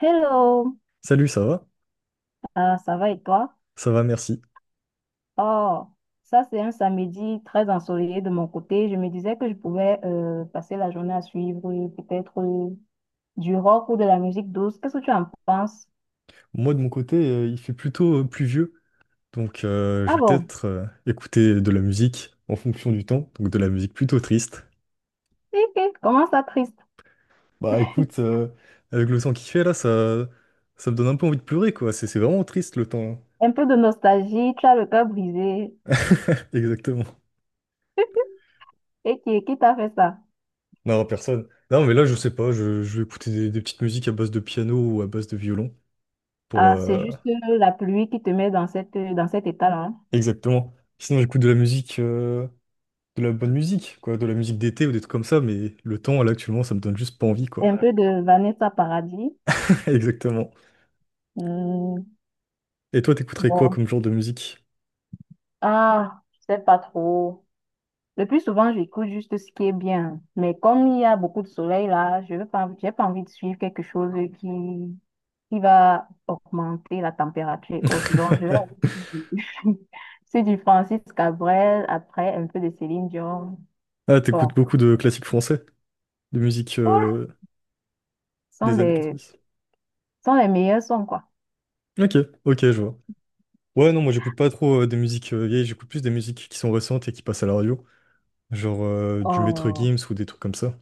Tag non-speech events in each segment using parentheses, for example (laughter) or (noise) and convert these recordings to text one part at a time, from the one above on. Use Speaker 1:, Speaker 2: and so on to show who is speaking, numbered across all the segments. Speaker 1: Hello.
Speaker 2: Salut, ça va?
Speaker 1: Ça va et toi?
Speaker 2: Ça va, merci.
Speaker 1: Oh, ça c'est un samedi très ensoleillé de mon côté. Je me disais que je pouvais passer la journée à suivre peut-être du rock ou de la musique douce. Qu'est-ce que tu en penses?
Speaker 2: Moi, de mon côté, il fait plutôt pluvieux, donc je
Speaker 1: Ah
Speaker 2: vais
Speaker 1: bon?
Speaker 2: peut-être écouter de la musique en fonction du temps, donc de la musique plutôt triste.
Speaker 1: Ok, comment ça triste?
Speaker 2: Bah écoute, avec le temps qu'il fait là, ça me donne un peu envie de pleurer, quoi. C'est vraiment triste le temps.
Speaker 1: Un
Speaker 2: (laughs)
Speaker 1: peu de nostalgie, tu as le cœur brisé.
Speaker 2: Exactement.
Speaker 1: Et qui t'a fait ça?
Speaker 2: Non, personne. Non, mais là, je sais pas, je vais écouter des petites musiques à base de piano ou à base de violon pour...
Speaker 1: Ah, c'est
Speaker 2: euh,
Speaker 1: juste la pluie qui te met dans dans cet état-là.
Speaker 2: Exactement. Sinon, j'écoute de la musique, de la bonne musique, quoi, de la musique d'été ou des trucs comme ça, mais le temps, là, actuellement, ça me donne juste pas envie, quoi.
Speaker 1: Un peu de Vanessa Paradis.
Speaker 2: (laughs) Exactement.
Speaker 1: Hmm,
Speaker 2: Et toi, t'écouterais quoi
Speaker 1: bon.
Speaker 2: comme genre de musique?
Speaker 1: Ah, je sais pas trop. Le plus souvent, j'écoute juste ce qui est bien. Mais comme il y a beaucoup de soleil là, je veux pas, j'ai pas envie de suivre quelque chose qui, qui va augmenter la température et autres. Donc, je vais aller sur du (laughs) sur du Francis Cabrel, après un peu de Céline Dion.
Speaker 2: Ah, t'écoutes
Speaker 1: Bon,
Speaker 2: beaucoup de classiques français, de musique
Speaker 1: ouais, ce sont
Speaker 2: des années
Speaker 1: des,
Speaker 2: 90.
Speaker 1: ce sont les meilleurs sons, quoi.
Speaker 2: Ok, ok, je vois. Ouais, non, moi j'écoute pas trop des musiques vieilles, j'écoute plus des musiques qui sont récentes et qui passent à la radio, genre du Maître
Speaker 1: Oh,
Speaker 2: Gims ou des trucs comme ça.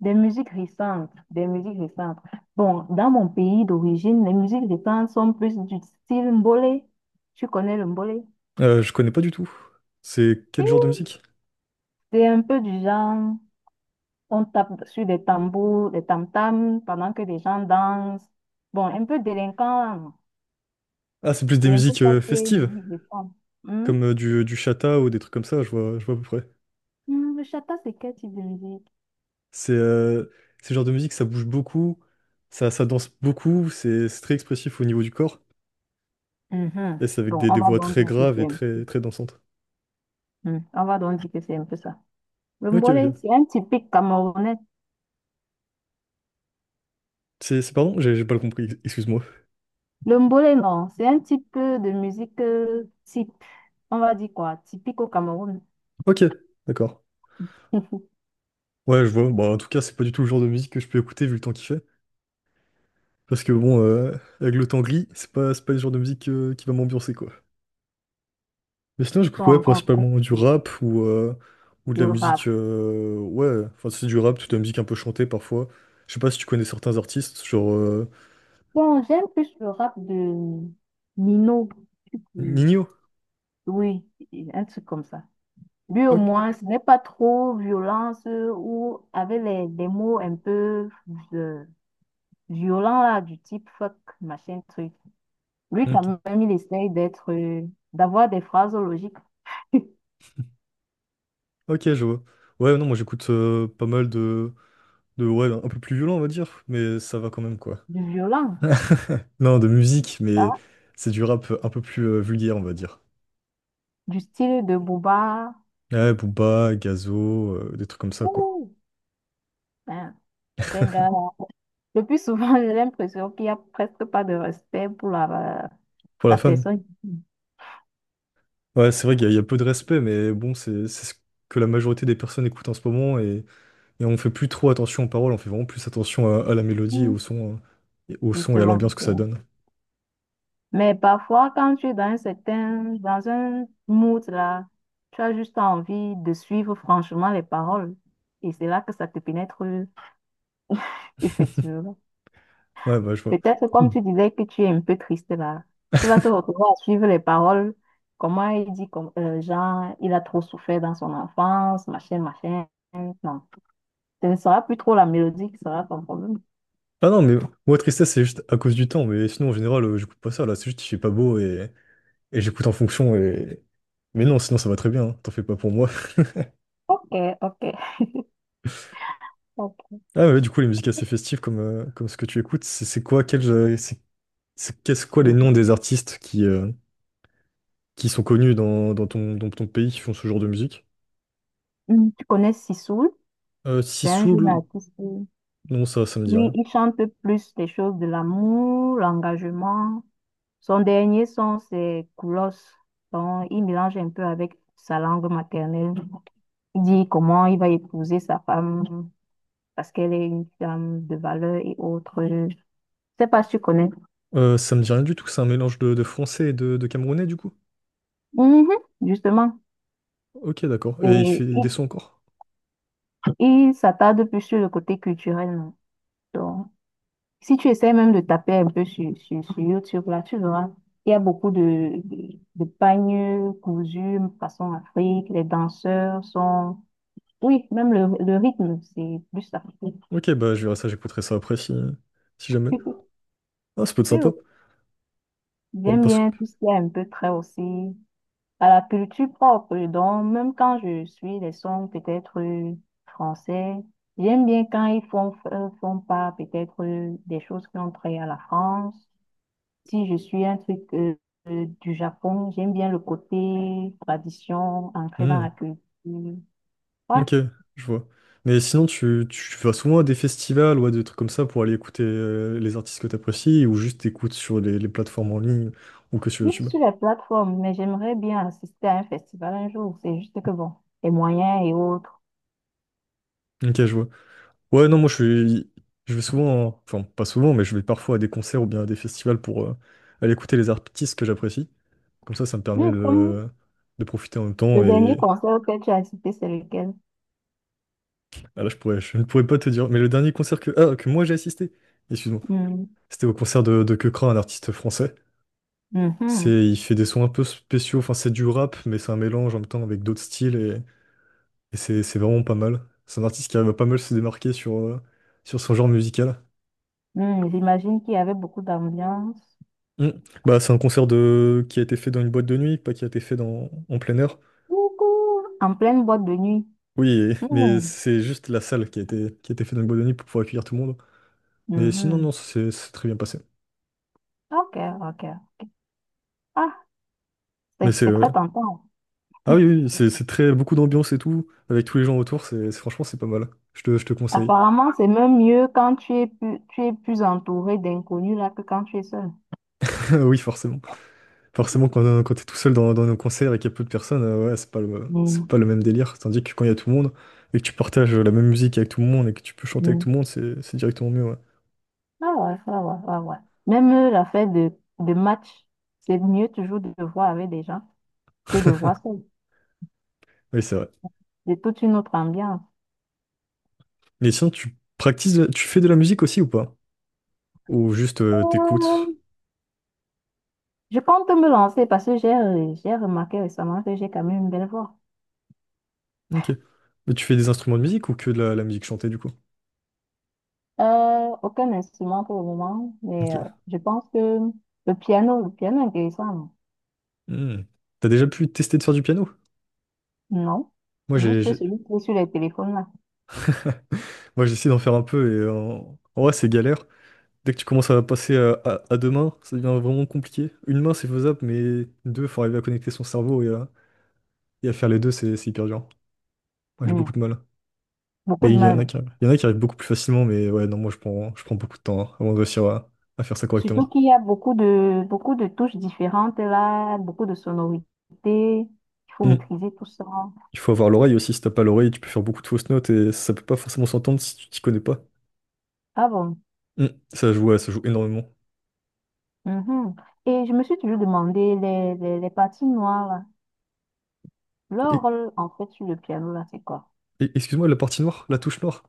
Speaker 1: des musiques récentes, des musiques récentes. Bon, dans mon pays d'origine, les musiques récentes sont plus du style mbolé. Tu connais le mbolé?
Speaker 2: Je connais pas du tout. C'est quel genre de
Speaker 1: Oui.
Speaker 2: musique?
Speaker 1: C'est un peu du genre, on tape sur des tambours, des tam-tams pendant que les gens dansent. Bon, un peu délinquant, hein.
Speaker 2: Ah, c'est plus des
Speaker 1: C'est un peu
Speaker 2: musiques
Speaker 1: ça qui est une
Speaker 2: festives,
Speaker 1: musique de femme. Hmm?
Speaker 2: comme du chata ou des trucs comme ça, je vois à peu près.
Speaker 1: Hmm, le chata, c'est quel type de musique?
Speaker 2: C'est ce genre de musique, ça bouge beaucoup, ça danse beaucoup, c'est très expressif au niveau du corps.
Speaker 1: Mhm.
Speaker 2: Et c'est avec
Speaker 1: Bon,
Speaker 2: des,
Speaker 1: on
Speaker 2: des
Speaker 1: va
Speaker 2: voix
Speaker 1: donc
Speaker 2: très
Speaker 1: dire que
Speaker 2: graves
Speaker 1: c'est
Speaker 2: et
Speaker 1: un peu.
Speaker 2: très, très dansantes.
Speaker 1: Hmm, on va donc dire que c'est un peu ça. Le
Speaker 2: Ok,
Speaker 1: mbolé,
Speaker 2: ok.
Speaker 1: c'est un typique camerounais.
Speaker 2: Pardon, j'ai pas le compris, excuse-moi.
Speaker 1: Le mbolé, non, c'est un type de musique type. On va dire quoi? Typique au Cameroun.
Speaker 2: Ok, d'accord.
Speaker 1: (laughs) Ils
Speaker 2: Ouais, je vois. Bon, en tout cas, c'est pas du tout le genre de musique que je peux écouter vu le temps qu'il fait. Parce que bon, avec le temps gris, c'est pas le genre de musique qui va m'ambiancer, quoi. Mais sinon,
Speaker 1: sont
Speaker 2: j'écoute ouais,
Speaker 1: encore en train
Speaker 2: principalement du
Speaker 1: de-
Speaker 2: rap ou de
Speaker 1: de
Speaker 2: la
Speaker 1: rap.
Speaker 2: musique, ouais, enfin, c'est du rap, toute la musique un peu chantée parfois. Je sais pas si tu connais certains artistes, genre
Speaker 1: Bon, j'aime plus le rap de Nino. Euh,
Speaker 2: Ninho.
Speaker 1: Oui, un truc comme ça. Lui, au
Speaker 2: Ok.
Speaker 1: moins, ce n'est pas trop violence ou avec les mots un peu euh, violents, là, du type fuck, machin, truc. Lui, quand
Speaker 2: Ok,
Speaker 1: même, il essaye d'avoir des phrases logiques. (laughs)
Speaker 2: Ok, je vois. Ouais, non, moi j'écoute pas mal de ouais, un peu plus violent, on va dire, mais ça va quand même, quoi.
Speaker 1: Du violent,
Speaker 2: (laughs) Non, de musique, mais
Speaker 1: hein,
Speaker 2: c'est du rap un peu plus vulgaire, on va dire.
Speaker 1: du style de Booba.
Speaker 2: Ouais, Booba, Gazo, des trucs comme ça, quoi.
Speaker 1: Ouh, hein, ces gars. Le plus souvent, (laughs) j'ai l'impression qu'il n'y a presque pas de respect pour
Speaker 2: Pour la
Speaker 1: la
Speaker 2: femme.
Speaker 1: personne.
Speaker 2: Ouais, c'est vrai qu'il y a peu de respect, mais bon, c'est ce que la majorité des personnes écoutent en ce moment, et on fait plus trop attention aux paroles, on fait vraiment plus attention à la mélodie et au son, hein, et au son et à
Speaker 1: Justement,
Speaker 2: l'ambiance que ça
Speaker 1: justement.
Speaker 2: donne.
Speaker 1: Mais parfois, quand tu es dans un dans un mood là, tu as juste envie de suivre franchement les paroles. Et c'est là que ça te pénètre
Speaker 2: (laughs)
Speaker 1: effectivement.
Speaker 2: Ouais, bah, je vois.
Speaker 1: Peut-être comme
Speaker 2: Mm.
Speaker 1: tu disais que tu es un peu triste là, tu vas te retrouver à suivre les paroles. Comment il dit, comme, genre, il a trop souffert dans son enfance, machin, machin. Non, ce ne sera plus trop la mélodie qui sera ton problème.
Speaker 2: Ah non, mais moi, tristesse, c'est juste à cause du temps, mais sinon, en général, j'écoute pas ça, là, c'est juste qu'il fait pas beau, et j'écoute en fonction et. Mais non, sinon ça va très bien, hein, t'en fais pas pour moi. (laughs)
Speaker 1: Ok, ok, ok.
Speaker 2: Ah ouais, du coup, les musiques assez festives comme ce que tu écoutes, c'est quoi, qu'est-ce quoi les
Speaker 1: Euh,
Speaker 2: noms des artistes qui sont connus dans ton pays qui font ce genre de musique?
Speaker 1: Tu connais Sissoul? C'est un jeune
Speaker 2: Sissoul,
Speaker 1: artiste.
Speaker 2: non, ça me dit
Speaker 1: Oui,
Speaker 2: rien.
Speaker 1: il chante plus des choses de l'amour, l'engagement. Son dernier son, c'est Koulos. Donc, il mélange un peu avec sa langue maternelle. Il dit comment il va épouser sa femme parce qu'elle est une femme de valeur et autres. Je sais pas si tu connais.
Speaker 2: Ça me dit rien du tout, c'est un mélange de français et de camerounais du coup.
Speaker 1: Mhm, justement.
Speaker 2: Ok, d'accord. Et il fait
Speaker 1: Et
Speaker 2: des
Speaker 1: il,
Speaker 2: sons encore?
Speaker 1: il s'attarde plus sur le côté culturel. Non. Donc, si tu essaies même de taper un peu sur YouTube, là, tu verras, il y a beaucoup de pagnes cousus façon Afrique, les danseurs sont... Oui, même le rythme, c'est plus africain.
Speaker 2: Ok, bah je verrai ça, j'écouterai ça après si jamais.
Speaker 1: (laughs)
Speaker 2: Ah, ça peut être sympa.
Speaker 1: Oui,
Speaker 2: Ouais,
Speaker 1: j'aime
Speaker 2: parce
Speaker 1: bien
Speaker 2: que...
Speaker 1: tout ce qui est un peu trait aussi à la culture propre. Donc, même quand je suis des sons peut-être français, j'aime bien quand ils font, font pas peut-être des choses qui ont trait à la France. Si je suis un truc du Japon, j'aime bien le côté tradition, entrer dans la culture. Ouais,
Speaker 2: Ok, je vois. Mais sinon, tu vas souvent à des festivals ou à des trucs comme ça pour aller écouter les artistes que t'apprécies ou juste t'écoutes sur les plateformes en ligne ou que sur
Speaker 1: juste
Speaker 2: YouTube.
Speaker 1: sur les plateformes, mais j'aimerais bien assister à un festival un jour. C'est juste que bon, les moyens et autres.
Speaker 2: Ok, je vois. Ouais, non, moi je vais souvent, enfin pas souvent, mais je vais parfois à des concerts ou bien à des festivals pour aller écouter les artistes que j'apprécie. Comme ça me permet
Speaker 1: Hmm, comme
Speaker 2: de profiter en même
Speaker 1: le
Speaker 2: temps
Speaker 1: dernier
Speaker 2: et
Speaker 1: concert auquel tu as assisté, c'est lequel?
Speaker 2: ah là, je ne pourrais pas te dire. Mais le dernier concert que moi j'ai assisté, excuse-moi,
Speaker 1: Hmm,
Speaker 2: c'était au concert de Keukra, un artiste français.
Speaker 1: mhm.
Speaker 2: Il fait des sons un peu spéciaux, enfin c'est du rap, mais c'est un mélange en même temps avec d'autres styles et c'est vraiment pas mal. C'est un artiste qui arrive à pas mal se démarquer sur son genre musical.
Speaker 1: Hmm, j'imagine qu'il y avait beaucoup d'ambiance.
Speaker 2: Mm. Bah, c'est un concert de qui a été fait dans une boîte de nuit, pas qui a été fait dans en plein air.
Speaker 1: Beaucoup. En pleine boîte de nuit.
Speaker 2: Oui, mais
Speaker 1: Hmm,
Speaker 2: c'est juste la salle qui a été fait dans une boîte de nuit pour pouvoir accueillir tout le monde. Mais sinon,
Speaker 1: mhm.
Speaker 2: non, c'est très bien passé.
Speaker 1: Ok, ok. Ah,
Speaker 2: Mais c'est...
Speaker 1: c'est
Speaker 2: euh,
Speaker 1: très tentant.
Speaker 2: Ah oui, oui, c'est beaucoup d'ambiance et tout, avec tous les gens autour, c'est franchement c'est pas mal. Je te conseille.
Speaker 1: Apparemment, c'est même mieux quand tu es plus entouré d'inconnus là que quand tu es seul.
Speaker 2: (laughs) Oui, forcément. Forcément, quand t'es tout seul dans nos concerts et qu'il y a peu de personnes, ouais, c'est pas le, c'est
Speaker 1: Mm,
Speaker 2: pas le même délire. Tandis que quand il y a tout le monde et que tu partages la même musique avec tout le monde et que tu peux chanter avec tout le
Speaker 1: mm.
Speaker 2: monde, c'est directement mieux, ouais.
Speaker 1: Ah ouais, ah ouais, ah ouais. Même l'affaire de match, c'est mieux toujours de voir avec des gens que de voir seul.
Speaker 2: Oui, c'est vrai.
Speaker 1: C'est toute une autre ambiance.
Speaker 2: Mais sinon, tu pratiques, tu fais de la musique aussi ou pas? Ou juste t'écoutes?
Speaker 1: Euh, Je compte me lancer parce que j'ai remarqué récemment que j'ai quand même une belle voix.
Speaker 2: Ok. Mais tu fais des instruments de musique ou que de la musique chantée du coup?
Speaker 1: Aucun instrument pour le moment, mais
Speaker 2: Ok.
Speaker 1: je pense que le piano est intéressant,
Speaker 2: Hmm. T'as déjà pu tester de faire du piano?
Speaker 1: non?
Speaker 2: Moi, j'ai,
Speaker 1: Juste
Speaker 2: j'ai-
Speaker 1: celui qui est sur les téléphones là.
Speaker 2: moi, j'essaie d'en faire un peu et en vrai, c'est galère. Dès que tu commences à passer à deux mains, ça devient vraiment compliqué. Une main, c'est faisable, mais deux, faut arriver à connecter son cerveau et à faire les deux, c'est hyper dur. Moi, j'ai
Speaker 1: Hmm.
Speaker 2: beaucoup de mal.
Speaker 1: Beaucoup
Speaker 2: Mais
Speaker 1: de
Speaker 2: il y en a
Speaker 1: mal.
Speaker 2: qui, il y en a qui arrivent beaucoup plus facilement, mais ouais, non, moi, je prends beaucoup de temps hein, avant de réussir à faire ça correctement.
Speaker 1: Surtout qu'il y a beaucoup beaucoup de touches différentes là, beaucoup de sonorités. Il faut
Speaker 2: Mm.
Speaker 1: maîtriser tout ça.
Speaker 2: Il faut avoir l'oreille aussi. Si t'as pas l'oreille, tu peux faire beaucoup de fausses notes et ça peut pas forcément s'entendre si tu t'y connais pas.
Speaker 1: Ah bon?
Speaker 2: Mm. Ça joue, ouais, ça joue énormément.
Speaker 1: Mhm. Et je me suis toujours demandé, les parties noires, là, leur
Speaker 2: Et,
Speaker 1: rôle en fait sur le piano, là, c'est quoi?
Speaker 2: Excuse-moi, la partie noire, la touche noire.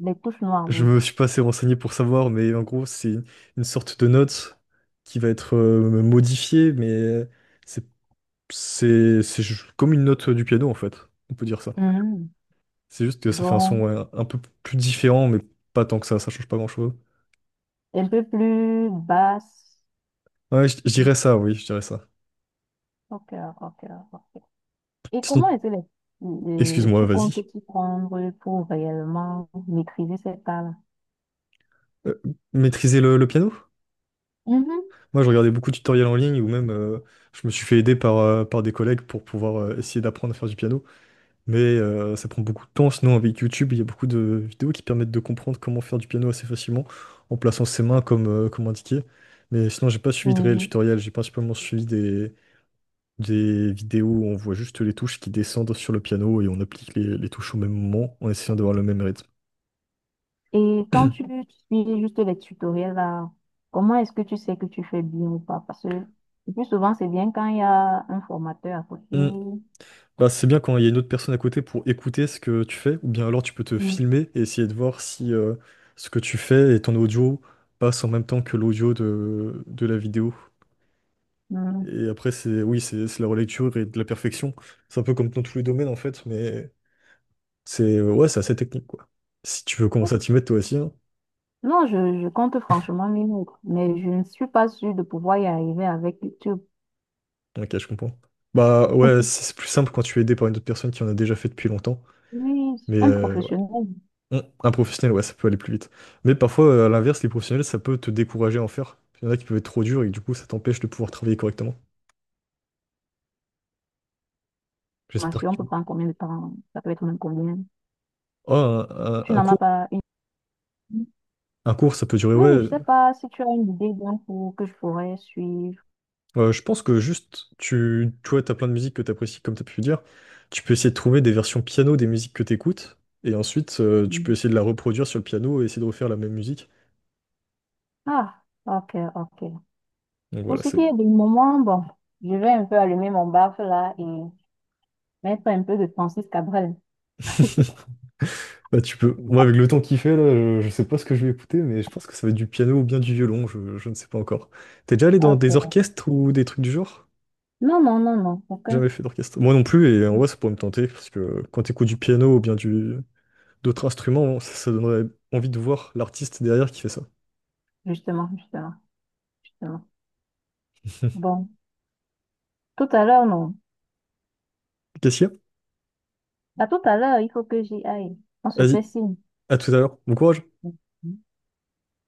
Speaker 1: Les touches noires,
Speaker 2: Je
Speaker 1: oui.
Speaker 2: me suis pas assez renseigné pour savoir, mais en gros, c'est une sorte de note qui va être modifiée, mais c'est comme une note du piano, en fait. On peut dire ça.
Speaker 1: Mhm.
Speaker 2: C'est juste que ça fait un son
Speaker 1: Donc,
Speaker 2: ouais, un peu plus différent, mais pas tant que ça change pas grand-chose.
Speaker 1: un peu plus basse.
Speaker 2: Ouais, je dirais ça, oui, je dirais ça.
Speaker 1: Ok, ok, ok. Ok. Et comment
Speaker 2: Sinon,
Speaker 1: est-ce que
Speaker 2: excuse-moi,
Speaker 1: tu
Speaker 2: vas-y.
Speaker 1: comptes t'y prendre pour réellement maîtriser cette part-là?
Speaker 2: Euh, Maîtriser le piano? Moi, je regardais beaucoup de tutoriels en ligne, ou même je me suis fait aider par des collègues pour pouvoir essayer d'apprendre à faire du piano. Mais ça prend beaucoup de temps. Sinon, avec YouTube, il y a beaucoup de vidéos qui permettent de comprendre comment faire du piano assez facilement en plaçant ses mains comme indiqué. Mais sinon, j'ai pas suivi de réel
Speaker 1: Mhm.
Speaker 2: tutoriel. J'ai principalement suivi des vidéos où on voit juste les touches qui descendent sur le piano et on applique les touches au même moment en essayant d'avoir le même rythme.
Speaker 1: Et quand tu
Speaker 2: (clears throat)
Speaker 1: suis juste les tutoriels là, comment est-ce que tu sais que tu fais bien ou pas? Parce que le plus souvent, c'est bien quand il y a un formateur à côté.
Speaker 2: Hmm. Bah, c'est bien quand il y a une autre personne à côté pour écouter ce que tu fais, ou bien alors tu peux te
Speaker 1: Mm.
Speaker 2: filmer et essayer de voir si ce que tu fais et ton audio passent en même temps que l'audio de la vidéo.
Speaker 1: Mm.
Speaker 2: Et après, c'est oui, c'est la relecture et de la perfection. C'est un peu comme dans tous les domaines, en fait, mais c'est ouais, c'est assez technique, quoi. Si tu veux commencer à t'y mettre, toi aussi, hein.
Speaker 1: Non, je compte franchement mes mots, mais je ne suis pas sûre de pouvoir y arriver avec YouTube.
Speaker 2: Ok, je comprends. Bah ouais, c'est
Speaker 1: (laughs)
Speaker 2: c'est plus simple quand tu es aidé par une autre personne qui en a déjà fait depuis longtemps.
Speaker 1: Oui,
Speaker 2: Mais
Speaker 1: un
Speaker 2: ouais.
Speaker 1: professionnel de
Speaker 2: Un professionnel, ouais, ça peut aller plus vite. Mais parfois, à l'inverse, les professionnels, ça peut te décourager à en faire. Il y en a qui peuvent être trop durs et du coup, ça t'empêche de pouvoir travailler correctement. J'espère
Speaker 1: formation
Speaker 2: que...
Speaker 1: peut prendre combien de temps? Ça peut être même combien?
Speaker 2: Oh, un, un-
Speaker 1: Tu
Speaker 2: un
Speaker 1: n'en as
Speaker 2: cours?
Speaker 1: pas une.
Speaker 2: Un cours, ça peut durer,
Speaker 1: Oui, je
Speaker 2: ouais.
Speaker 1: sais pas si tu as une idée d'un cours que je pourrais suivre.
Speaker 2: Je pense que juste, tu vois, t'as plein de musiques que t'apprécies, comme t'as pu le dire. Tu peux essayer de trouver des versions piano des musiques que t'écoutes, et ensuite, tu peux
Speaker 1: Mm.
Speaker 2: essayer de la reproduire sur le piano et essayer de refaire la même musique.
Speaker 1: Ah, ok, ok.
Speaker 2: Donc
Speaker 1: Pour
Speaker 2: voilà,
Speaker 1: ce
Speaker 2: c'est.
Speaker 1: qui est du moment, bon, je vais un peu allumer mon baffe là et mettre un peu de Francis Cabrel. (laughs)
Speaker 2: (laughs) Bah, tu peux. Moi, avec le temps qu'il fait, là, je sais pas ce que je vais écouter, mais je pense que ça va être du piano ou bien du violon, je ne sais pas encore. T'es déjà allé dans des
Speaker 1: Ok.
Speaker 2: orchestres ou des trucs du genre?
Speaker 1: Non, non, non, non, aucun.
Speaker 2: Jamais fait d'orchestre. Moi non plus, et en vrai, ça pourrait me tenter, parce que quand t'écoutes du piano ou bien d'autres instruments, ça donnerait envie de voir l'artiste derrière qui fait ça.
Speaker 1: Justement, justement, justement.
Speaker 2: (laughs)
Speaker 1: Bon, tout à l'heure, non.
Speaker 2: Qu'est-ce qu'il y a?
Speaker 1: À tout à l'heure, il faut que j'y aille. On se fait
Speaker 2: Vas-y.
Speaker 1: signe.
Speaker 2: À tout à l'heure. Bon courage.